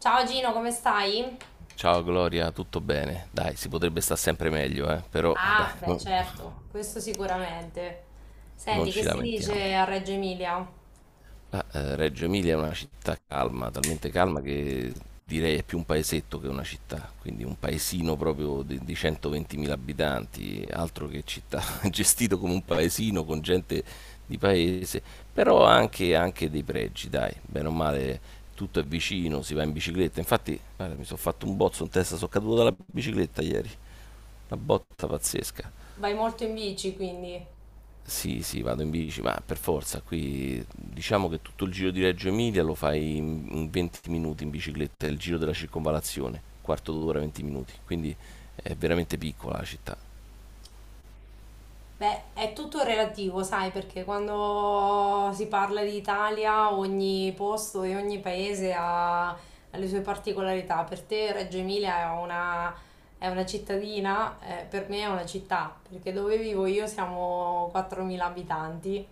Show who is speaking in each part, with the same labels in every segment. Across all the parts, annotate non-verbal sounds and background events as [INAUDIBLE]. Speaker 1: Ciao Gino, come stai?
Speaker 2: Ciao Gloria, tutto bene? Dai, si potrebbe stare sempre meglio, eh? Però dai,
Speaker 1: Ah, beh, certo, questo sicuramente.
Speaker 2: non
Speaker 1: Senti, che
Speaker 2: ci
Speaker 1: si
Speaker 2: lamentiamo.
Speaker 1: dice a Reggio Emilia?
Speaker 2: Ah, Reggio Emilia è una città calma, talmente calma che direi è più un paesetto che una città, quindi un paesino proprio di 120.000 abitanti, altro che città, [LAUGHS] gestito come un paesino con gente di paese, però ha anche, anche dei pregi, dai, bene o male tutto è vicino, si va in bicicletta, infatti guarda, mi sono fatto un bozzo in testa, sono caduto dalla bicicletta ieri. Una botta pazzesca.
Speaker 1: Vai molto in bici, quindi.
Speaker 2: Sì, sì, vado in bici, ma per forza, qui diciamo che tutto il giro di Reggio Emilia lo fai in 20 minuti in bicicletta, è il giro della circonvalazione, quarto d'ora, 20 minuti, quindi è veramente piccola la città.
Speaker 1: Beh, è tutto relativo, sai, perché quando si parla di Italia, ogni posto e ogni paese ha le sue particolarità. Per te Reggio Emilia è una cittadina, per me è una città, perché dove vivo io siamo 4.000 abitanti.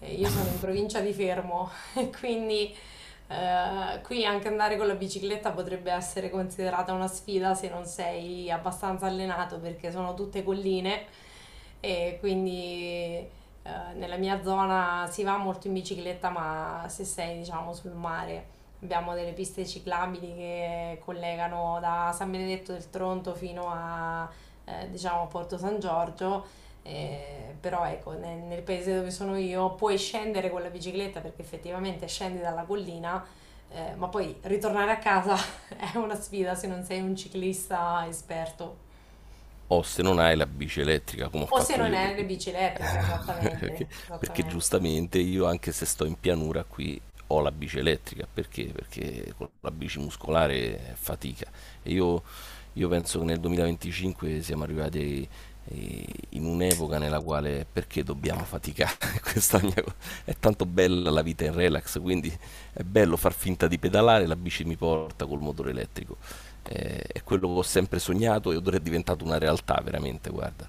Speaker 1: Io sono in provincia di Fermo, [LAUGHS] quindi qui anche andare con la bicicletta potrebbe essere considerata una sfida se non sei abbastanza allenato perché sono tutte colline e quindi nella mia zona si va molto in bicicletta, ma se sei diciamo sul mare abbiamo delle piste ciclabili che collegano da San Benedetto del Tronto fino a diciamo Porto San Giorgio. Però ecco, nel paese dove sono io puoi scendere con la bicicletta perché effettivamente scendi dalla collina, ma poi ritornare a casa [LAUGHS] è una sfida se non sei un ciclista esperto
Speaker 2: O se non hai la bici elettrica, come ho
Speaker 1: o se
Speaker 2: fatto
Speaker 1: non
Speaker 2: io,
Speaker 1: hai le
Speaker 2: perché
Speaker 1: bici elettriche,
Speaker 2: [LAUGHS]
Speaker 1: esattamente,
Speaker 2: Perché, perché
Speaker 1: esattamente.
Speaker 2: giustamente io, anche se sto in pianura qui, ho la bici elettrica. Perché? Perché con la bici muscolare è fatica. E io penso che nel 2025 siamo arrivati in un'epoca nella quale perché dobbiamo faticare? [LAUGHS] Questa è la mia co- È tanto bella la vita in relax, quindi è bello far finta di pedalare, la bici mi porta col motore elettrico. È quello che ho sempre sognato e ora è diventato una realtà, veramente, guarda.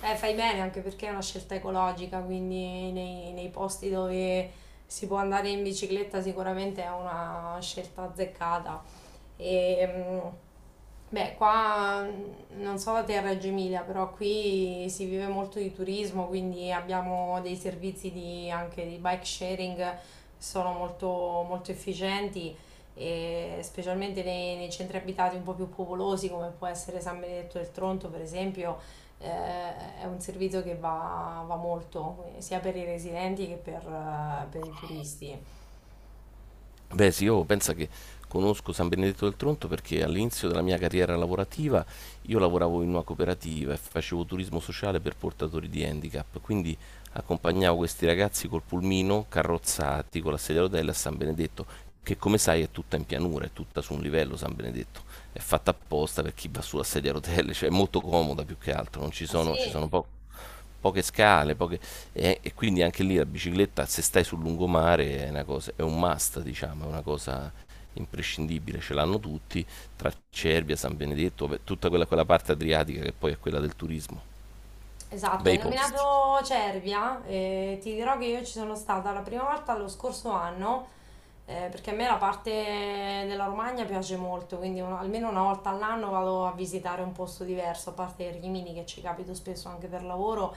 Speaker 1: Fai bene anche perché è una scelta ecologica, quindi nei posti dove si può andare in bicicletta sicuramente è una scelta azzeccata. E, beh, qua non so da te a Reggio Emilia, però qui si vive molto di turismo, quindi abbiamo dei servizi anche di bike sharing che sono molto, molto efficienti. E specialmente nei centri abitati un po' più popolosi come può essere San Benedetto del Tronto, per esempio, è un servizio che va molto, sia per i residenti che per i turisti.
Speaker 2: Beh, sì, io penso che conosco San Benedetto del Tronto perché all'inizio della mia carriera lavorativa io lavoravo in una cooperativa e facevo turismo sociale per portatori di handicap, quindi accompagnavo questi ragazzi col pulmino carrozzati con la sedia a rotelle a San Benedetto, che come sai è tutta in pianura, è tutta su un livello San Benedetto, è fatta apposta per chi va sulla sedia a rotelle, cioè è molto comoda più che altro, non ci
Speaker 1: Ah,
Speaker 2: sono, ci
Speaker 1: sì?
Speaker 2: sono poco poche scale, e quindi anche lì la bicicletta, se stai sul lungomare, è, una cosa, è un must, diciamo, è una cosa imprescindibile, ce l'hanno tutti, tra Cervia, San Benedetto, beh, tutta quella, quella parte adriatica che poi è quella del turismo.
Speaker 1: Esatto, hai
Speaker 2: Bei posti.
Speaker 1: nominato Cervia e ti dirò che io ci sono stata la prima volta lo scorso anno, perché a me la parte della Romagna piace molto, quindi almeno una volta all'anno vado a visitare un posto diverso, a parte Rimini che ci capito spesso anche per lavoro,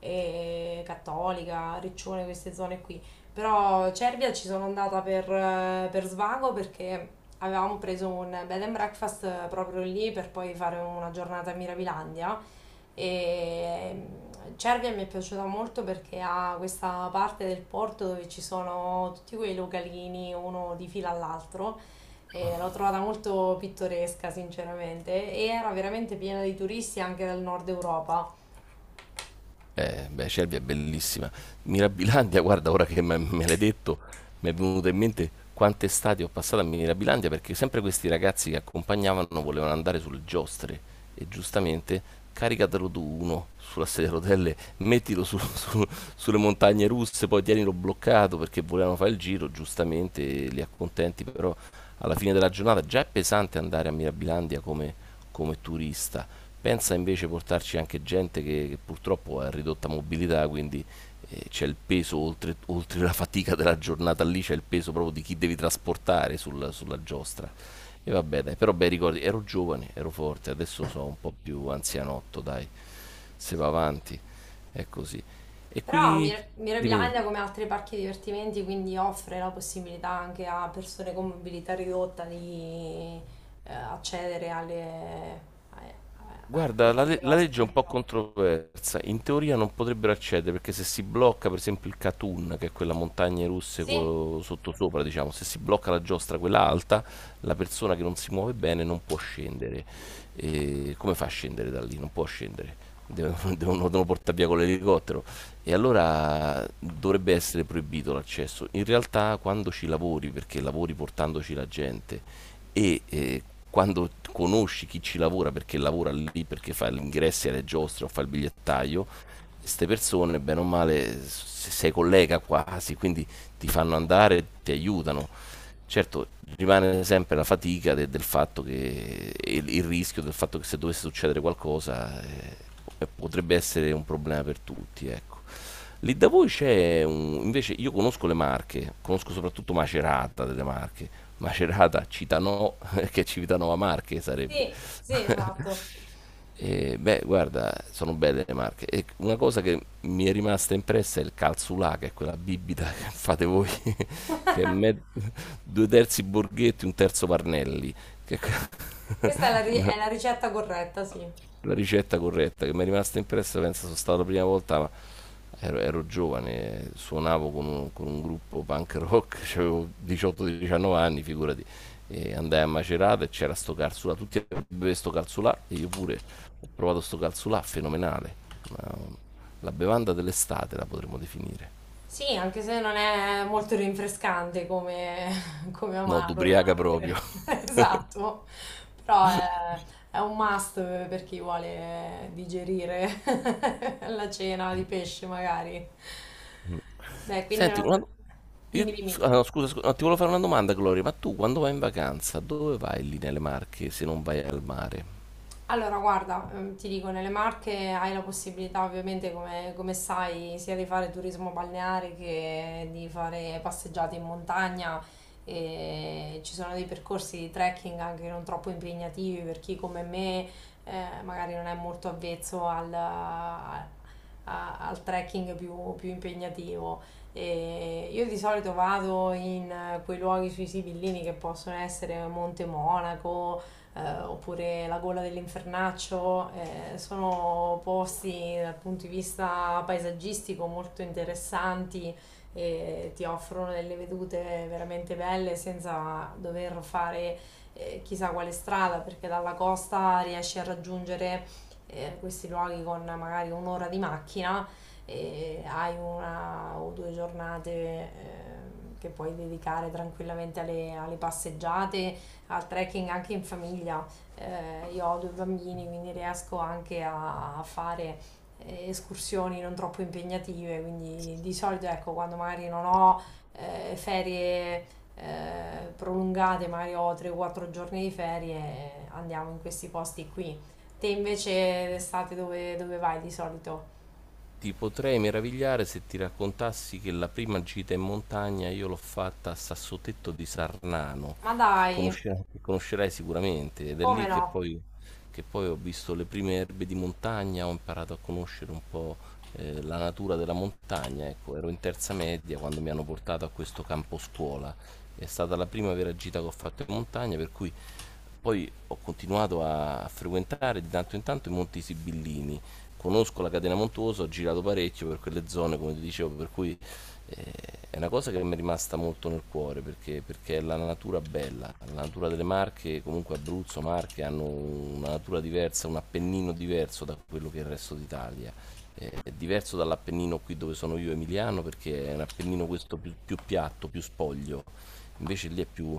Speaker 1: e Cattolica, Riccione, queste zone qui. Però Cervia ci sono andata per svago, perché avevamo preso un bed and breakfast proprio lì per poi fare una giornata a Mirabilandia. E Cervia mi è piaciuta molto perché ha questa parte del porto dove ci sono tutti quei localini uno di fila all'altro. E l'ho trovata molto pittoresca, sinceramente, e era veramente piena di turisti anche dal nord Europa.
Speaker 2: Beh, Cervia è bellissima. Mirabilandia, [LAUGHS] guarda, ora che me l'hai detto, mi è venuto in mente quante estati ho passato a Mirabilandia perché sempre questi ragazzi che accompagnavano volevano andare sulle giostre e giustamente caricatelo tu uno sulla sedia a rotelle, [LAUGHS] sulle montagne russe, poi tienilo bloccato perché volevano fare il giro, giustamente li accontenti, però alla fine della giornata già è pesante andare a Mirabilandia come turista. Pensa invece portarci anche gente che purtroppo ha ridotta mobilità, quindi c'è il peso, oltre la fatica della giornata lì, c'è il peso proprio di chi devi trasportare sulla giostra. E vabbè, dai, però bei ricordi, ero giovane, ero forte, adesso sono un po' più anzianotto, dai, se va avanti, è così. E
Speaker 1: Però
Speaker 2: qui, dimmi, dimmi.
Speaker 1: Mirabilandia, come altri parchi divertimenti, quindi offre la possibilità anche a persone con mobilità ridotta di accedere a- alle
Speaker 2: Guarda,
Speaker 1: varie
Speaker 2: la legge è un
Speaker 1: mostre.
Speaker 2: po' controversa. In teoria non potrebbero accedere perché se si blocca, per esempio, il Katun, che è quella montagna russa
Speaker 1: Sì.
Speaker 2: sottosopra, diciamo, se si blocca la giostra, quella alta, la persona che non si muove bene non può scendere. E come fa a scendere da lì? Non può scendere. Devono, [LAUGHS] devono portare [LAUGHS] via con l'elicottero. E allora dovrebbe essere proibito l'accesso. In realtà, quando ci lavori, perché lavori portandoci la gente e quando conosci chi ci lavora perché lavora lì, perché fa gli ingressi alle giostre o fa il bigliettaio, queste persone, bene o male, sei collega quasi, quindi ti fanno andare, ti aiutano. Certo, rimane sempre la fatica del fatto che e il rischio del fatto che se dovesse succedere qualcosa potrebbe essere un problema per tutti, ecco. Lì da voi invece io conosco le Marche, conosco soprattutto Macerata delle Marche, Macerata, Citano, [LAUGHS] che Civitanova Marche sarebbe.
Speaker 1: Sì,
Speaker 2: [LAUGHS]
Speaker 1: esatto.
Speaker 2: E, beh, guarda, sono belle le Marche. E una cosa che mi è rimasta impressa è il calzulà, che è quella bibita [LAUGHS] che fate voi, [LAUGHS] che è me-
Speaker 1: [LAUGHS]
Speaker 2: due terzi Borghetti, un terzo Parnelli, che è que-
Speaker 1: Questa è
Speaker 2: [LAUGHS]
Speaker 1: è
Speaker 2: una-
Speaker 1: la ricetta corretta, sì.
Speaker 2: la ricetta corretta che mi è rimasta impressa, penso sono stata la prima volta, ma ero giovane, suonavo con un gruppo punk rock, [LAUGHS] cioè avevo 18-19 anni, figurati, e andai a Macerata e c'era sto calzulà, tutti bevevano sto calzulà e io pure ho provato sto calzulà, fenomenale. Ma, la bevanda dell'estate la potremmo definire.
Speaker 1: Sì, anche se non è molto rinfrescante come, [LAUGHS] come
Speaker 2: No,
Speaker 1: amaro, devo
Speaker 2: d'ubriaca proprio.
Speaker 1: dire. [LAUGHS] Esatto. Però è un must per chi vuole digerire [LAUGHS] la cena di pesce, magari. Beh,
Speaker 2: [LAUGHS]
Speaker 1: quindi,
Speaker 2: Senti, io-
Speaker 1: dimmi,
Speaker 2: ah,
Speaker 1: dimmi.
Speaker 2: no, scusa, scusa, no, ti volevo fare una domanda, Gloria, ma tu quando vai in vacanza, dove vai lì nelle Marche se non vai al mare?
Speaker 1: Allora, guarda, ti dico, nelle Marche hai la possibilità, ovviamente, come sai, sia di fare turismo balneare che di fare passeggiate in montagna. E ci sono dei percorsi di trekking anche non troppo impegnativi per chi come me magari non è molto avvezzo al trekking più impegnativo. E io di solito vado in quei luoghi sui Sibillini, che possono essere Monte Monaco oppure La gola dell'infernaccio. Sono posti dal punto di vista paesaggistico molto interessanti e ti offrono delle vedute veramente belle senza dover fare chissà quale strada, perché dalla costa riesci a raggiungere questi luoghi con magari un'ora di macchina e hai una o due giornate che puoi dedicare tranquillamente alle passeggiate, al trekking anche in famiglia. Io ho due bambini, quindi riesco anche a fare escursioni non troppo impegnative, quindi di solito ecco, quando magari non ho ferie prolungate, magari ho 3-4 giorni di ferie, andiamo in questi posti qui. Te invece d'estate dove vai di solito?
Speaker 2: Ti potrei meravigliare se ti raccontassi che la prima gita in montagna io l'ho fatta a Sassotetto di Sarnano,
Speaker 1: Ma
Speaker 2: che
Speaker 1: dai,
Speaker 2: conoscerai, che conoscerai sicuramente, ed è
Speaker 1: come
Speaker 2: lì
Speaker 1: no?
Speaker 2: che poi ho visto le prime erbe di montagna, ho imparato a conoscere un po' la natura della montagna. Ecco, ero in terza media quando mi hanno portato a questo campo scuola. È stata la prima vera gita che ho fatto in montagna, per cui poi ho continuato a frequentare di tanto in tanto i Monti Sibillini, conosco la catena montuosa, ho girato parecchio per quelle zone, come ti dicevo, per cui eh, è una cosa che mi è rimasta molto nel cuore perché è la natura bella, la natura delle Marche, comunque Abruzzo, Marche hanno una natura diversa, un appennino diverso da quello che è il resto d'Italia, è diverso dall'Appennino qui dove sono io emiliano perché è un Appennino questo più, più piatto, più spoglio, invece lì è più,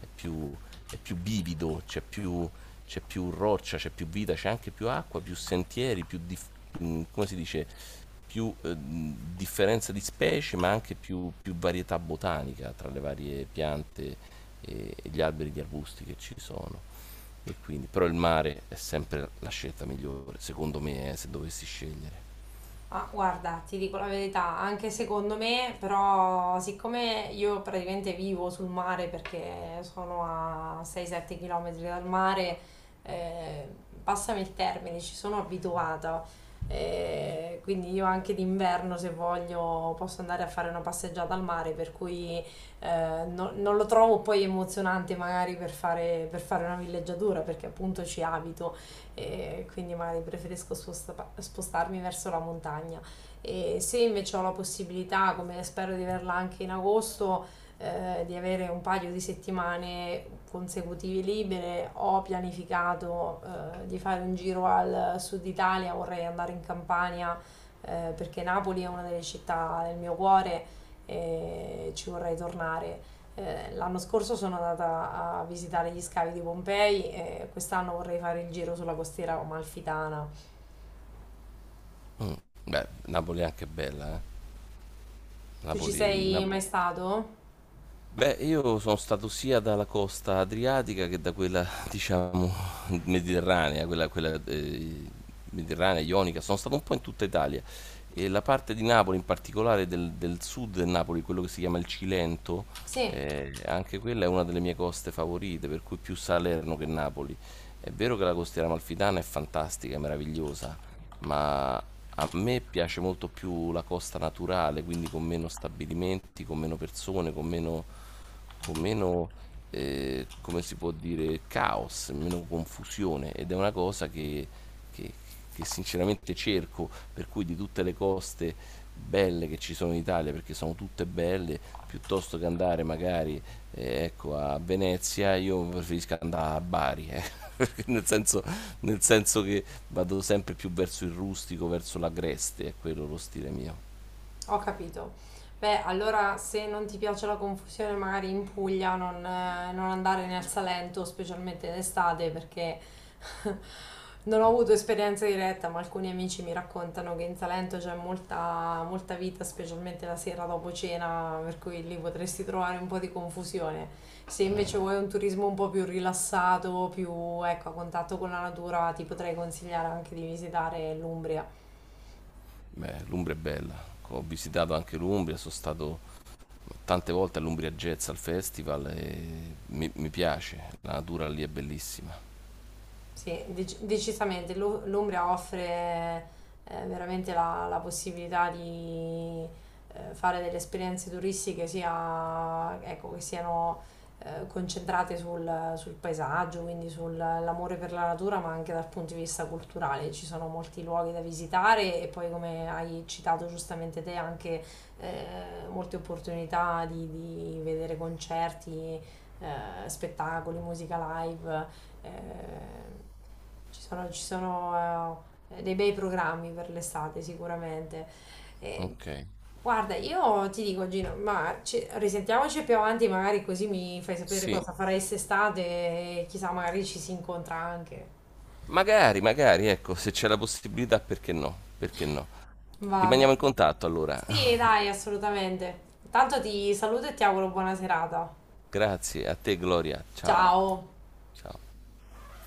Speaker 2: è più, è più bivido, c'è più roccia, c'è più vita, c'è anche più acqua, più sentieri, più, come si dice, più differenza di specie ma anche più, più varietà botanica tra le varie piante e gli alberi e gli arbusti che ci sono. E quindi, però il mare è sempre la scelta migliore, secondo me, se dovessi scegliere.
Speaker 1: Ah, guarda, ti dico la verità, anche secondo me, però siccome io praticamente vivo sul mare perché sono a 6-7 km dal mare, eh, passami il termine, ci sono abituata. Quindi io anche d'inverno, se voglio, posso andare a fare una passeggiata al mare, per cui non lo trovo poi emozionante magari per fare una villeggiatura, perché appunto ci abito e quindi magari preferisco spostarmi verso la montagna. E se invece ho la possibilità, come spero di averla anche in agosto, di avere un paio di settimane consecutive libere, ho pianificato di fare un giro al sud Italia, vorrei andare in Campania perché Napoli è una delle città del mio cuore e ci vorrei tornare. L'anno scorso sono andata a visitare gli scavi di Pompei e quest'anno vorrei fare il giro sulla costiera amalfitana.
Speaker 2: Mh. Beh, Napoli è anche bella, eh.
Speaker 1: Tu ci
Speaker 2: Napoli
Speaker 1: sei
Speaker 2: Napo
Speaker 1: mai stato?
Speaker 2: Beh, io sono stato sia dalla costa adriatica che da quella, diciamo, mediterranea, quella, quella mediterranea, ionica, sono stato un po' in tutta Italia. E la parte di Napoli, in particolare del sud del Napoli, quello che si chiama il Cilento,
Speaker 1: Sì.
Speaker 2: anche quella è una delle mie coste favorite, per cui più Salerno che Napoli. È vero che la costiera amalfitana è fantastica, è meravigliosa, ma a me piace molto più la costa naturale, quindi con meno stabilimenti, con meno persone, con meno, come si può dire, caos, meno confusione, ed è una cosa che- che sinceramente cerco, per cui di tutte le coste belle che ci sono in Italia, perché sono tutte belle, piuttosto che andare magari ecco, a Venezia, io preferisco andare a Bari, [LAUGHS] nel senso, nel senso che vado sempre più verso il rustico, verso l'agreste, è quello lo stile mio.
Speaker 1: Ho capito. Beh, allora se non ti piace la confusione, magari in Puglia non andare nel Salento, specialmente in estate, perché [LAUGHS] non ho avuto esperienza diretta, ma alcuni amici mi raccontano che in Salento c'è molta, molta vita, specialmente la sera dopo cena, per cui lì potresti trovare un po' di confusione. Se invece vuoi un turismo un po' più rilassato, più ecco, a contatto con la natura, ti potrei consigliare anche di visitare l'Umbria.
Speaker 2: Beh, l'Umbria è bella. Ho visitato anche l'Umbria, sono stato tante volte all'Umbria Jazz al festival e mi piace, la natura lì è bellissima.
Speaker 1: Sì, decisamente. L'Umbria offre veramente la possibilità di fare delle esperienze turistiche sia, ecco, che siano concentrate sul paesaggio, quindi sull'amore per la natura, ma anche dal punto di vista culturale. Ci sono molti luoghi da visitare e poi, come hai citato giustamente te, anche molte opportunità di vedere concerti, spettacoli, musica live. Eh, ci sono dei bei programmi per l'estate sicuramente. Eh,
Speaker 2: Ok,
Speaker 1: Guarda, io ti dico, Gino, ma risentiamoci più avanti, magari così mi fai sapere
Speaker 2: sì,
Speaker 1: cosa farai quest'estate e chissà, magari ci si incontra anche.
Speaker 2: magari, magari, ecco, se c'è la possibilità, perché no? Perché no?
Speaker 1: Va
Speaker 2: Rimaniamo in
Speaker 1: bene.
Speaker 2: contatto allora.
Speaker 1: Sì,
Speaker 2: [LAUGHS]
Speaker 1: dai, assolutamente. Tanto ti saluto e ti auguro buona serata.
Speaker 2: Grazie a te Gloria, ciao,
Speaker 1: Ciao.
Speaker 2: ciao.